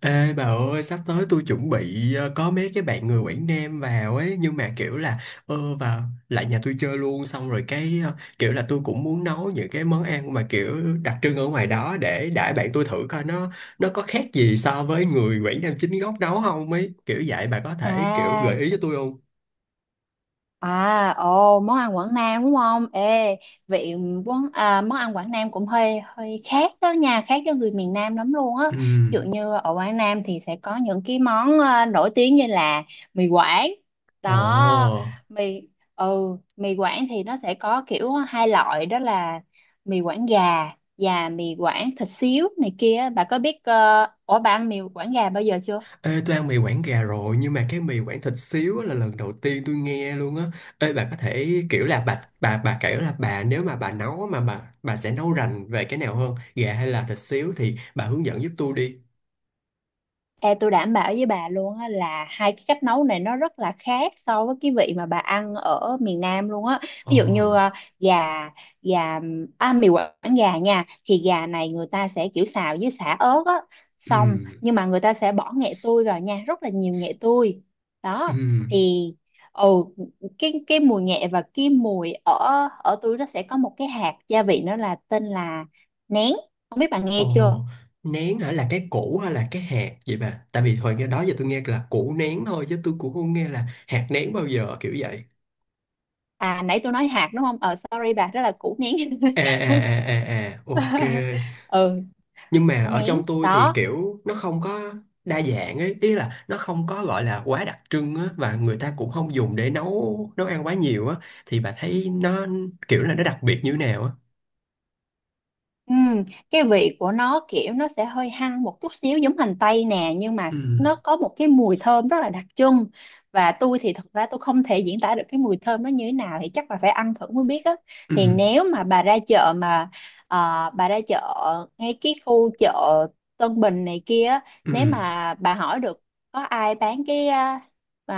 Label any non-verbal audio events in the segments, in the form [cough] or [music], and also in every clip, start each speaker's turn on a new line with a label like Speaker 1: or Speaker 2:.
Speaker 1: Ê bà ơi, sắp tới tôi chuẩn bị có mấy cái bạn người Quảng Nam vào ấy, nhưng mà kiểu là vào lại nhà tôi chơi luôn. Xong rồi cái kiểu là tôi cũng muốn nấu những cái món ăn mà kiểu đặc trưng ở ngoài đó để đãi bạn tôi, thử coi nó có khác gì so với người Quảng Nam chính gốc nấu không, ấy kiểu vậy. Bà có thể kiểu gợi
Speaker 2: À,
Speaker 1: ý cho tôi không?
Speaker 2: món ăn Quảng Nam đúng không? Ê, vị quán à, Món ăn Quảng Nam cũng hơi hơi khác đó nha, khác với người miền Nam lắm luôn á.
Speaker 1: Ừ.
Speaker 2: Ví dụ như ở Quảng Nam thì sẽ có những cái món nổi tiếng như là mì Quảng.
Speaker 1: Ồ.
Speaker 2: Đó, mì mì Quảng thì nó sẽ có kiểu hai loại đó là mì Quảng gà và mì Quảng thịt xíu này kia. Bà có biết ờ, ủa bà ăn mì Quảng gà bao giờ chưa?
Speaker 1: Ê, tôi ăn mì Quảng gà rồi, nhưng mà cái mì Quảng thịt xíu á là lần đầu tiên tôi nghe luôn á. Ê, bà có thể kiểu là bà kiểu là bà, nếu mà bà nấu á, mà bà sẽ nấu rành về cái nào hơn, gà hay là thịt xíu, thì bà hướng dẫn giúp tôi đi.
Speaker 2: Ê, tôi đảm bảo với bà luôn á là hai cái cách nấu này nó rất là khác so với cái vị mà bà ăn ở miền Nam luôn á.
Speaker 1: Ờ.
Speaker 2: Ví dụ như ờ, gà gà à, mì Quảng gà nha, thì gà này người ta sẽ kiểu xào với sả ớt á, xong
Speaker 1: Ừ.
Speaker 2: nhưng mà người ta sẽ bỏ nghệ tươi vào nha, rất là nhiều nghệ tươi.
Speaker 1: Ừ.
Speaker 2: Đó thì ừ cái mùi nghệ và cái mùi ở ở tôi, nó sẽ có một cái hạt gia vị, nó là tên là nén. Không biết bà
Speaker 1: Ờ.
Speaker 2: nghe chưa?
Speaker 1: Nén hả, là cái củ hay là cái hạt vậy bà? Tại vì hồi nghe đó giờ tôi nghe là củ nén thôi chứ tôi cũng không nghe là hạt nén bao giờ, kiểu vậy.
Speaker 2: À, nãy tôi nói hạt đúng không, sorry bà, đó là củ nén.
Speaker 1: À, à, à, à, à, ok.
Speaker 2: [laughs] Ừ,
Speaker 1: Nhưng mà
Speaker 2: củ
Speaker 1: ở
Speaker 2: nén
Speaker 1: trong tôi thì
Speaker 2: đó.
Speaker 1: kiểu nó không có đa dạng ấy, ý là nó không có gọi là quá đặc trưng á, và người ta cũng không dùng để nấu nấu ăn quá nhiều á. Thì bà thấy nó kiểu là nó đặc biệt như thế nào á?
Speaker 2: Ừm, cái vị của nó kiểu nó sẽ hơi hăng một chút xíu giống hành tây nè, nhưng mà nó
Speaker 1: Ừ,
Speaker 2: có một cái mùi thơm rất là đặc trưng. Và tôi thì thật ra tôi không thể diễn tả được cái mùi thơm nó như thế nào, thì chắc là phải ăn thử mới biết á.
Speaker 1: ừ,
Speaker 2: Thì nếu mà ờ, bà ra chợ, ngay cái khu chợ Tân Bình này kia á,
Speaker 1: ừ,
Speaker 2: nếu mà bà hỏi được có ai bán cái uh,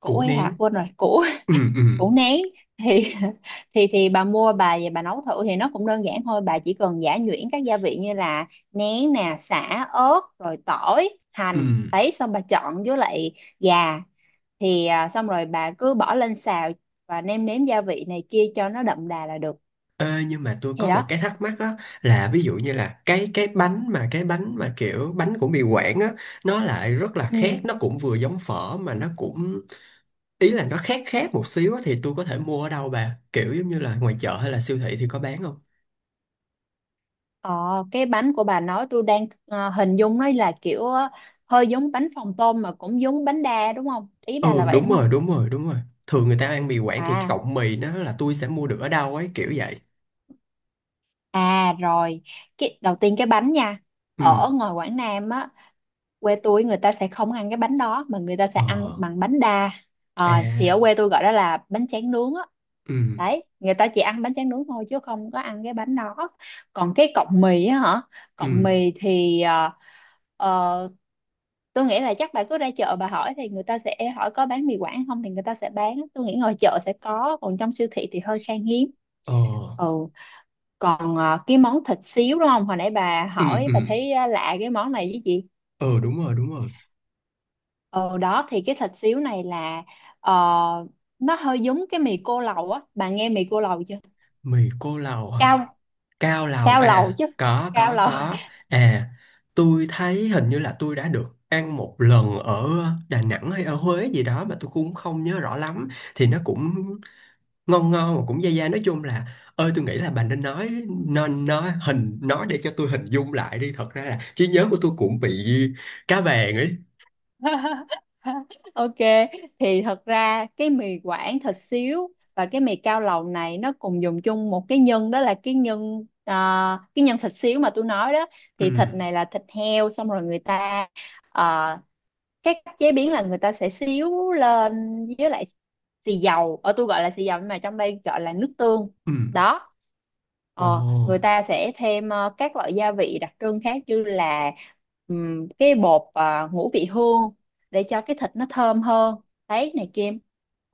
Speaker 2: củ
Speaker 1: củ
Speaker 2: hay hạt,
Speaker 1: nén,
Speaker 2: quên rồi, củ
Speaker 1: ừ, ừ,
Speaker 2: [laughs] củ nén, thì [laughs] thì bà mua bà về bà nấu thử, thì nó cũng đơn giản thôi. Bà chỉ cần giã nhuyễn các gia vị như là nén nè, sả, ớt, rồi tỏi,
Speaker 1: ừ.
Speaker 2: hành đấy, xong bà chọn với lại gà, thì xong rồi bà cứ bỏ lên xào và nêm nếm gia vị này kia cho nó đậm đà là được.
Speaker 1: Ê, nhưng mà tôi
Speaker 2: Thì
Speaker 1: có một
Speaker 2: đó,
Speaker 1: cái thắc mắc á, là ví dụ như là cái bánh mà kiểu bánh của mì Quảng á, nó lại rất là khác,
Speaker 2: ừ.
Speaker 1: nó cũng vừa giống phở mà nó cũng, ý là nó khác khác một xíu á. Thì tôi có thể mua ở đâu bà, kiểu giống như là ngoài chợ hay là siêu thị thì có bán không?
Speaker 2: Ờ, cái bánh của bà nói tôi đang hình dung nó là kiểu, hơi giống bánh phồng tôm mà cũng giống bánh đa đúng không, ý bà là
Speaker 1: Ừ,
Speaker 2: vậy
Speaker 1: đúng
Speaker 2: đúng không?
Speaker 1: rồi, đúng rồi, đúng rồi. Thường người ta ăn mì Quảng thì cái
Speaker 2: À,
Speaker 1: cọng mì, nó là tôi sẽ mua được ở đâu ấy, kiểu vậy?
Speaker 2: à rồi, cái, đầu tiên cái bánh nha.
Speaker 1: Ừ.
Speaker 2: Ở ngoài Quảng Nam á, quê tôi người ta sẽ không ăn cái bánh đó mà người ta sẽ
Speaker 1: Ờ.
Speaker 2: ăn bằng bánh đa. Ờ, thì ở
Speaker 1: À.
Speaker 2: quê tôi gọi đó là bánh tráng nướng á.
Speaker 1: Ừ.
Speaker 2: Đấy, người ta chỉ ăn bánh tráng nướng thôi chứ không có ăn cái bánh đó. Còn cái cọng mì á hả? Cọng
Speaker 1: Ừ.
Speaker 2: mì thì ờ, tôi nghĩ là chắc bà cứ ra chợ bà hỏi, thì người ta sẽ hỏi có bán mì Quảng không, thì người ta sẽ bán. Tôi nghĩ ngoài chợ sẽ có, còn trong siêu thị thì hơi khan hiếm.
Speaker 1: Ờ.
Speaker 2: Ừ, còn cái món thịt xíu đúng không, hồi nãy bà
Speaker 1: Ừ.
Speaker 2: hỏi
Speaker 1: Ừ.
Speaker 2: bà thấy lạ cái món này với chị.
Speaker 1: Ờ, đúng rồi, đúng rồi.
Speaker 2: Ờ đó, thì cái thịt xíu này là ờ, nó hơi giống cái mì cô lầu á, bà nghe mì cô lầu chưa?
Speaker 1: Mì cô lầu hả?
Speaker 2: cao
Speaker 1: Cao lầu
Speaker 2: cao lầu
Speaker 1: à?
Speaker 2: chứ
Speaker 1: Có,
Speaker 2: cao
Speaker 1: có,
Speaker 2: lầu.
Speaker 1: có. À, tôi thấy hình như là tôi đã được ăn một lần ở Đà Nẵng hay ở Huế gì đó, mà tôi cũng không nhớ rõ lắm. Thì nó cũng ngon ngon mà cũng dai dai, nói chung là, ơi, tôi nghĩ là bà nên nói hình, nói để cho tôi hình dung lại đi. Thật ra là trí nhớ của tôi cũng bị cá vàng ấy.
Speaker 2: [laughs] Ok, thì thật ra cái mì quảng thịt xíu và cái mì cao lầu này nó cùng dùng chung một cái nhân, đó là cái nhân thịt xíu mà tôi nói đó.
Speaker 1: Ừ.
Speaker 2: Thì thịt này là thịt heo, xong rồi người ta ờ, cái cách chế biến là người ta sẽ xíu lên với lại xì dầu, ở tôi gọi là xì dầu nhưng mà trong đây gọi là nước tương
Speaker 1: Ừ.
Speaker 2: đó. Ờ, người
Speaker 1: Ồ.
Speaker 2: ta sẽ thêm các loại gia vị đặc trưng khác như là cái bột ngũ vị hương để cho cái thịt nó thơm hơn đấy này kia.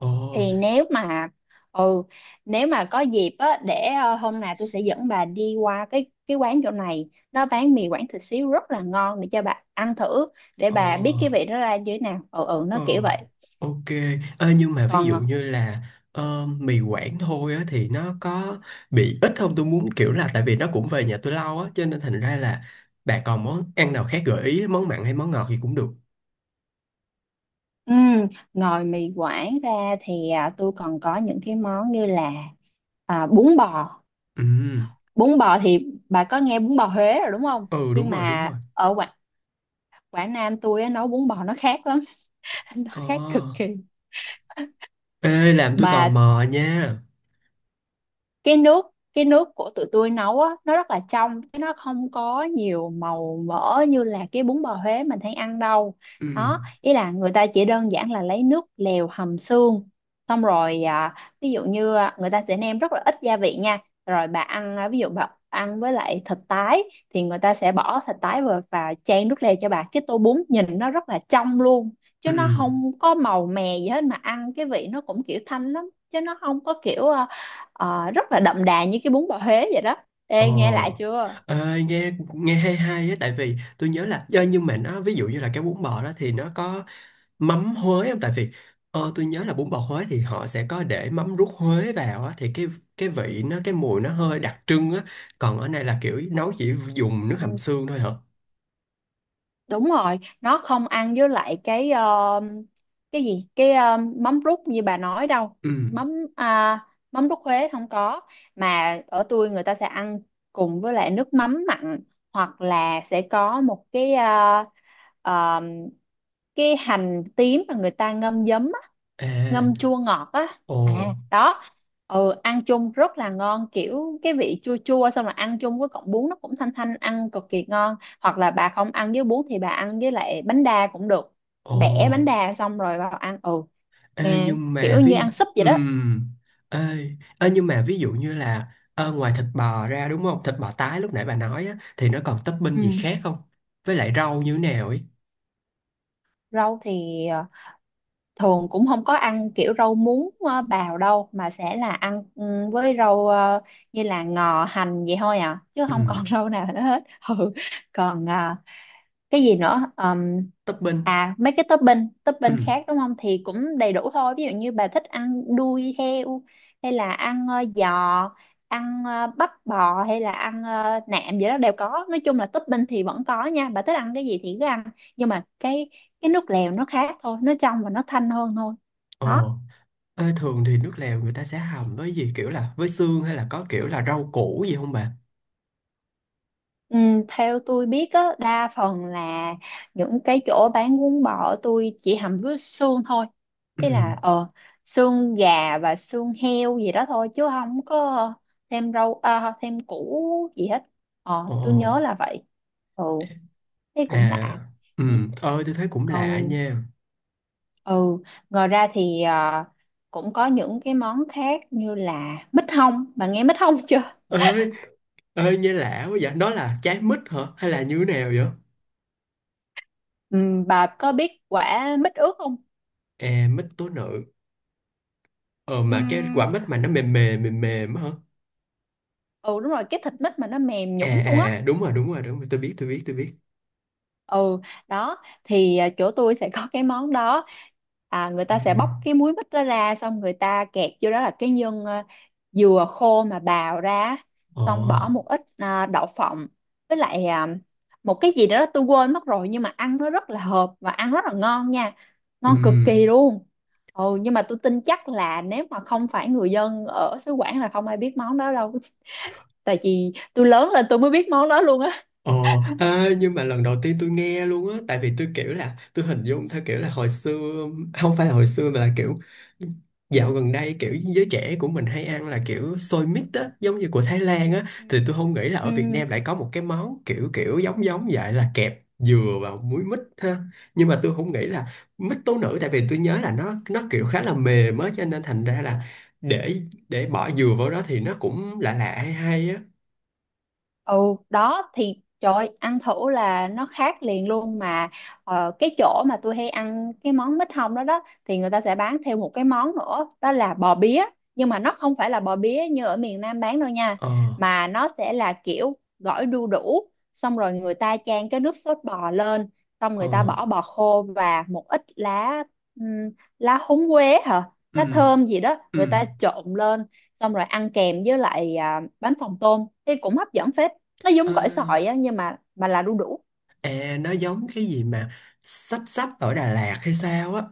Speaker 1: Ồ.
Speaker 2: Thì ừ nếu mà có dịp á, để hôm nào tôi sẽ dẫn bà đi qua cái quán chỗ này, nó bán mì Quảng thịt xíu rất là ngon, để cho bà ăn thử, để bà biết cái
Speaker 1: Ồ.
Speaker 2: vị nó ra như thế nào, ừ ừ nó kiểu
Speaker 1: Ồ.
Speaker 2: vậy.
Speaker 1: Ok. Ơ, nhưng mà ví
Speaker 2: Còn
Speaker 1: dụ như là mì Quảng thôi á, thì nó có bị ít không? Tôi muốn kiểu là, tại vì nó cũng về nhà tôi lâu á, cho nên thành ra là bà còn món ăn nào khác gợi ý, món mặn hay món ngọt gì cũng được.
Speaker 2: ừm, ngoài mì Quảng ra thì tôi còn có những cái món như là à, bún bò
Speaker 1: Ừ.
Speaker 2: bún bò. Thì bà có nghe bún bò Huế rồi đúng không,
Speaker 1: Ừ,
Speaker 2: nhưng
Speaker 1: đúng rồi, đúng
Speaker 2: mà
Speaker 1: rồi.
Speaker 2: ở Quảng Nam tôi á, nấu bún bò nó khác lắm. [laughs] Nó
Speaker 1: Ờ.
Speaker 2: khác cực kỳ
Speaker 1: Ê, làm tôi tò
Speaker 2: mà.
Speaker 1: mò nha.
Speaker 2: Cái nước cái nước của tụi tôi nấu á, nó rất là trong, chứ nó không có nhiều màu mỡ như là cái bún bò Huế mình hay ăn đâu.
Speaker 1: Ừ.
Speaker 2: Đó, ý là người ta chỉ đơn giản là lấy nước lèo hầm xương, xong rồi à, ví dụ như à, người ta sẽ nêm rất là ít gia vị nha. Rồi bà ăn ví dụ bà ăn với lại thịt tái, thì người ta sẽ bỏ thịt tái vào và chan nước lèo cho bà, cái tô bún nhìn nó rất là trong luôn, chứ
Speaker 1: Ừ.
Speaker 2: nó không có màu mè gì hết. Mà ăn cái vị nó cũng kiểu thanh lắm, chứ nó không có kiểu ờ, rất là đậm đà như cái bún bò Huế vậy đó.
Speaker 1: Ờ.
Speaker 2: Ê, nghe lại chưa?
Speaker 1: Ê, nghe nghe hay hay á, tại vì tôi nhớ là nhưng mà nó, ví dụ như là cái bún bò đó thì nó có mắm Huế không? Tại vì tôi nhớ là bún bò Huế thì họ sẽ có để mắm ruốc Huế vào á, thì cái vị nó, cái mùi nó hơi đặc trưng á. Còn ở đây là kiểu nấu chỉ dùng nước hầm
Speaker 2: Ừ,
Speaker 1: xương thôi hả?
Speaker 2: đúng rồi, nó không ăn với lại cái mắm rút như bà nói đâu.
Speaker 1: Ừ.
Speaker 2: mắm à, Mắm rút Huế không có, mà ở tôi người ta sẽ ăn cùng với lại nước mắm mặn, hoặc là sẽ có một cái ờ, cái hành tím mà người ta ngâm giấm á,
Speaker 1: À.
Speaker 2: ngâm chua ngọt á, à
Speaker 1: Ồ.
Speaker 2: đó. Ừ, ăn chung rất là ngon, kiểu cái vị chua chua, xong rồi ăn chung với cọng bún nó cũng thanh thanh, ăn cực kỳ ngon. Hoặc là bà không ăn với bún thì bà ăn với lại bánh đa cũng được,
Speaker 1: Ồ.
Speaker 2: bẻ bánh đa xong rồi vào ăn, ừ,
Speaker 1: Ê,
Speaker 2: nghe
Speaker 1: nhưng mà
Speaker 2: kiểu như ăn súp vậy đó.
Speaker 1: ừm, ê, ví dụ như là ngoài thịt bò ra đúng không? Thịt bò tái lúc nãy bà nói á, thì nó còn topping gì
Speaker 2: Ừ,
Speaker 1: khác không? Với lại rau như thế nào ấy?
Speaker 2: rau thì thường cũng không có ăn kiểu rau muống bào đâu, mà sẽ là ăn, ừ, với rau như là ngò, hành vậy thôi à, chứ không còn
Speaker 1: Ừm,
Speaker 2: [laughs] rau nào nữa hết. Ừ, còn ờ, cái gì nữa
Speaker 1: topping.
Speaker 2: à, mấy cái topping topping
Speaker 1: Ừm.
Speaker 2: khác đúng không, thì cũng đầy đủ thôi. Ví dụ như bà thích ăn đuôi heo, hay là ăn giò, ăn bắp bò, hay là ăn nạm gì đó đều có. Nói chung là topping thì vẫn có nha, bà thích ăn cái gì thì cứ ăn, nhưng mà cái nước lèo nó khác thôi, nó trong và nó thanh hơn thôi. Đó,
Speaker 1: Ồ. Ê, thường thì nước lèo người ta sẽ hầm với gì, kiểu là với xương hay là có kiểu là rau củ gì không bà?
Speaker 2: ừ, theo tôi biết á, đa phần là những cái chỗ bán bún bò tôi chỉ hầm với xương thôi. Ý là
Speaker 1: Ừm.
Speaker 2: xương gà và xương heo gì đó thôi, chứ không có thêm thêm củ gì hết. Ờ,
Speaker 1: Ồ.
Speaker 2: tôi nhớ là vậy. Ừ, thế cũng
Speaker 1: À,
Speaker 2: lạ. Ừ,
Speaker 1: ơi tôi thấy cũng lạ
Speaker 2: Còn
Speaker 1: nha.
Speaker 2: ừ, Ngoài ra thì cũng có những cái món khác như là mít hông. Bà nghe mít hông [laughs] chưa?
Speaker 1: Ơi, ơi, nghe lạ quá vậy. Nó là trái mít hả? Hay là như thế nào vậy?
Speaker 2: Ừ, bà có biết quả mít ướt không?
Speaker 1: À, mít tố nữ. Ờ
Speaker 2: Ừ,
Speaker 1: mà cái quả mít mà nó mềm mềm mềm mềm á hả?
Speaker 2: ừ, đúng rồi, cái thịt mít mà nó mềm
Speaker 1: À.
Speaker 2: nhũn luôn
Speaker 1: À.
Speaker 2: á.
Speaker 1: À, đúng rồi, đúng rồi, đúng rồi, tôi biết, tôi biết, tôi biết.
Speaker 2: Ừ đó, thì chỗ tôi sẽ có cái món đó. À, người
Speaker 1: À. À.
Speaker 2: ta sẽ bóc cái múi mít đó ra, xong người ta kẹt vô đó là dừa khô mà bào ra á.
Speaker 1: Ờ.
Speaker 2: Xong bỏ một ít đậu phộng với lại một cái gì đó tôi quên mất rồi, nhưng mà ăn nó rất là hợp và ăn rất là ngon nha,
Speaker 1: Ừ.
Speaker 2: ngon cực kỳ luôn. Ừ, nhưng mà tôi tin chắc là nếu mà không phải người dân ở xứ Quảng là không ai biết món đó đâu, tại vì tôi lớn lên tôi mới biết món đó luôn á.
Speaker 1: Ờ. À, nhưng mà lần đầu tiên tôi nghe luôn á. Tại vì tôi kiểu là, tôi hình dung theo kiểu là hồi xưa, không phải là hồi xưa mà là kiểu dạo gần đây, kiểu giới trẻ của mình hay ăn là kiểu xôi mít á, giống như của Thái Lan á.
Speaker 2: Ừ.
Speaker 1: Thì tôi không nghĩ là
Speaker 2: Ừ.
Speaker 1: ở Việt Nam lại có một cái món kiểu kiểu giống giống vậy, là kẹp dừa vào muối mít ha. Nhưng mà tôi không nghĩ là mít tố nữ. Tại vì tôi nhớ là nó kiểu khá là mềm á, cho nên thành ra là để để bỏ dừa vào đó thì nó cũng lạ lạ hay hay á.
Speaker 2: Ừ đó, thì trời ơi, ăn thử là nó khác liền luôn mà. Ờ, cái chỗ mà tôi hay ăn cái món mít hông đó đó, thì người ta sẽ bán thêm một cái món nữa, đó là bò bía, nhưng mà nó không phải là bò bía như ở miền Nam bán đâu nha.
Speaker 1: Ờ.
Speaker 2: Mà nó sẽ là kiểu gỏi đu đủ, xong rồi người ta chan cái nước sốt bò lên, xong
Speaker 1: Ờ.
Speaker 2: người ta bỏ bò khô và một ít lá, ừm, lá húng quế hả,
Speaker 1: Ừ.
Speaker 2: lá thơm gì đó,
Speaker 1: Ừ.
Speaker 2: người ta trộn lên, xong rồi ăn kèm với lại bánh phồng tôm thì cũng hấp dẫn phết. Nó
Speaker 1: Ờ,
Speaker 2: giống gỏi sỏi á, nhưng mà là đu đủ.
Speaker 1: à, nó giống cái gì mà sắp sắp ở Đà Lạt hay sao á?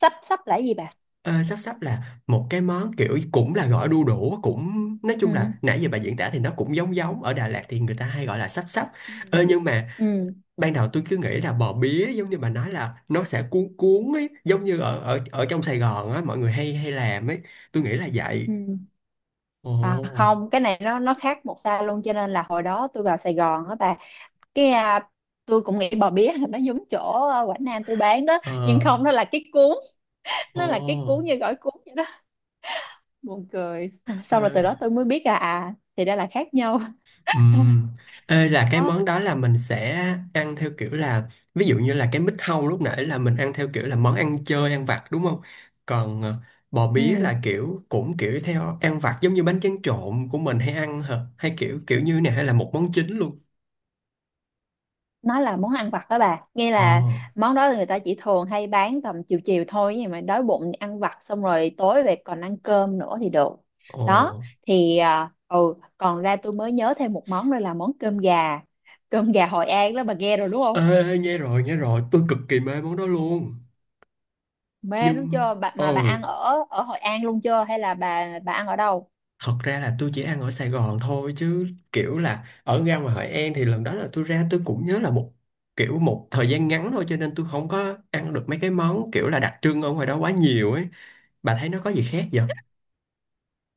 Speaker 2: Sắp sắp là cái gì bà?
Speaker 1: Ờ, sắp sắp là một cái món kiểu cũng là gỏi đu đủ, cũng nói chung
Speaker 2: ừ
Speaker 1: là, nãy giờ bà diễn tả thì nó cũng giống giống ở Đà Lạt, thì người ta hay gọi là sắp sắp.
Speaker 2: ừ
Speaker 1: Ờ, nhưng mà
Speaker 2: ừ
Speaker 1: ban đầu tôi cứ nghĩ là bò bía giống như bà nói, là nó sẽ cuốn cuốn ấy, giống như ở ở ở trong Sài Gòn á, mọi người hay hay làm ấy, tôi nghĩ là vậy.
Speaker 2: ừ À
Speaker 1: Ồ.
Speaker 2: không, cái này nó khác một xa luôn, cho nên là hồi đó tôi vào Sài Gòn á bà, cái à, tôi cũng nghĩ bò bía là nó giống chỗ Quảng Nam tôi bán đó, nhưng
Speaker 1: Ờ.
Speaker 2: không,
Speaker 1: Ồ.
Speaker 2: nó là cái cuốn như gỏi cuốn vậy đó. Buồn cười,
Speaker 1: Ờ.
Speaker 2: sau rồi từ đó tôi mới biết là à thì ra là khác nhau.
Speaker 1: Ừm. Ê, là cái
Speaker 2: Đó,
Speaker 1: món đó là mình sẽ ăn theo kiểu là, ví dụ như là cái mít hâu lúc nãy là mình ăn theo kiểu là món ăn chơi ăn vặt đúng không? Còn bò bía
Speaker 2: ừ,
Speaker 1: là kiểu cũng kiểu theo ăn vặt giống như bánh tráng trộn của mình hay ăn hả? Hay kiểu kiểu như này, hay là một món chính luôn?
Speaker 2: nó là món ăn vặt đó bà, nghe
Speaker 1: Ờ.
Speaker 2: là món đó người ta chỉ thường hay bán tầm chiều chiều thôi, nhưng mà đói bụng thì ăn vặt, xong rồi tối về còn ăn cơm nữa thì được.
Speaker 1: Ồ.
Speaker 2: Đó, thì còn ra tôi mới nhớ thêm một món nữa là món cơm gà, cơm gà Hội An đó, bà nghe rồi đúng không?
Speaker 1: Ê, nghe rồi, tôi cực kỳ mê món đó luôn.
Speaker 2: Mê đúng
Speaker 1: Nhưng
Speaker 2: chưa bà,
Speaker 1: ờ
Speaker 2: mà bà ăn ở ở Hội An luôn chưa, hay là bà ăn ở đâu?
Speaker 1: thật ra là tôi chỉ ăn ở Sài Gòn thôi, chứ kiểu là ở ra ngoài Hội An thì lần đó là tôi ra, tôi cũng nhớ là một kiểu một thời gian ngắn thôi, cho nên tôi không có ăn được mấy cái món kiểu là đặc trưng ở ngoài đó quá nhiều ấy. Bà thấy nó có gì khác vậy?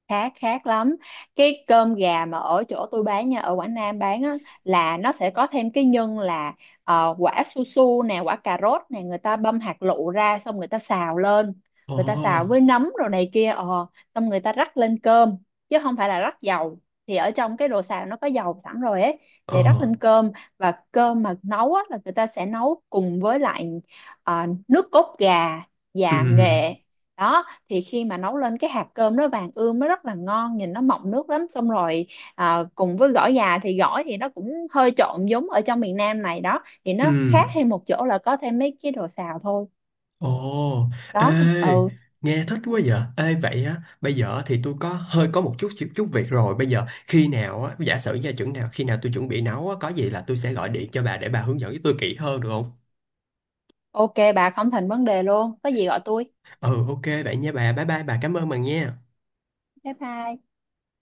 Speaker 2: Khác Khác lắm. Cái cơm gà mà ở chỗ tôi bán nha, ở Quảng Nam bán á, là nó sẽ có thêm cái nhân là quả su su nè, quả cà rốt nè, người ta băm hạt lựu ra xong người ta xào lên,
Speaker 1: Ồ.
Speaker 2: người ta xào với nấm rồi này kia. Ờ Xong người ta rắc lên cơm, chứ không phải là rắc dầu, thì ở trong cái đồ xào nó có dầu sẵn rồi ấy,
Speaker 1: Ồ.
Speaker 2: để rắc lên cơm. Và cơm mà nấu á, là người ta sẽ nấu cùng với lại nước cốt gà và
Speaker 1: Ừm.
Speaker 2: nghệ. Đó, thì khi mà nấu lên cái hạt cơm nó vàng ươm, nó rất là ngon, nhìn nó mọng nước lắm. Xong rồi cùng với gỏi già, thì gỏi thì nó cũng hơi trộn giống ở trong miền Nam này đó, thì nó khác
Speaker 1: Ừm.
Speaker 2: thêm một chỗ là có thêm mấy cái đồ xào thôi.
Speaker 1: Ồ. Ê,
Speaker 2: Đó, ừ,
Speaker 1: nghe thích quá vậy. Ê, vậy á, bây giờ thì tôi có hơi có một chút chút, chút việc rồi. Bây giờ khi nào á, giả sử gia chừng nào khi nào tôi chuẩn bị nấu á, có gì là tôi sẽ gọi điện cho bà để bà hướng dẫn với tôi kỹ hơn được không?
Speaker 2: ok bà, không thành vấn đề luôn, có gì gọi tôi.
Speaker 1: Ừ, ok vậy nha bà. Bye bye, bà cảm ơn bà nha.
Speaker 2: Bye bye.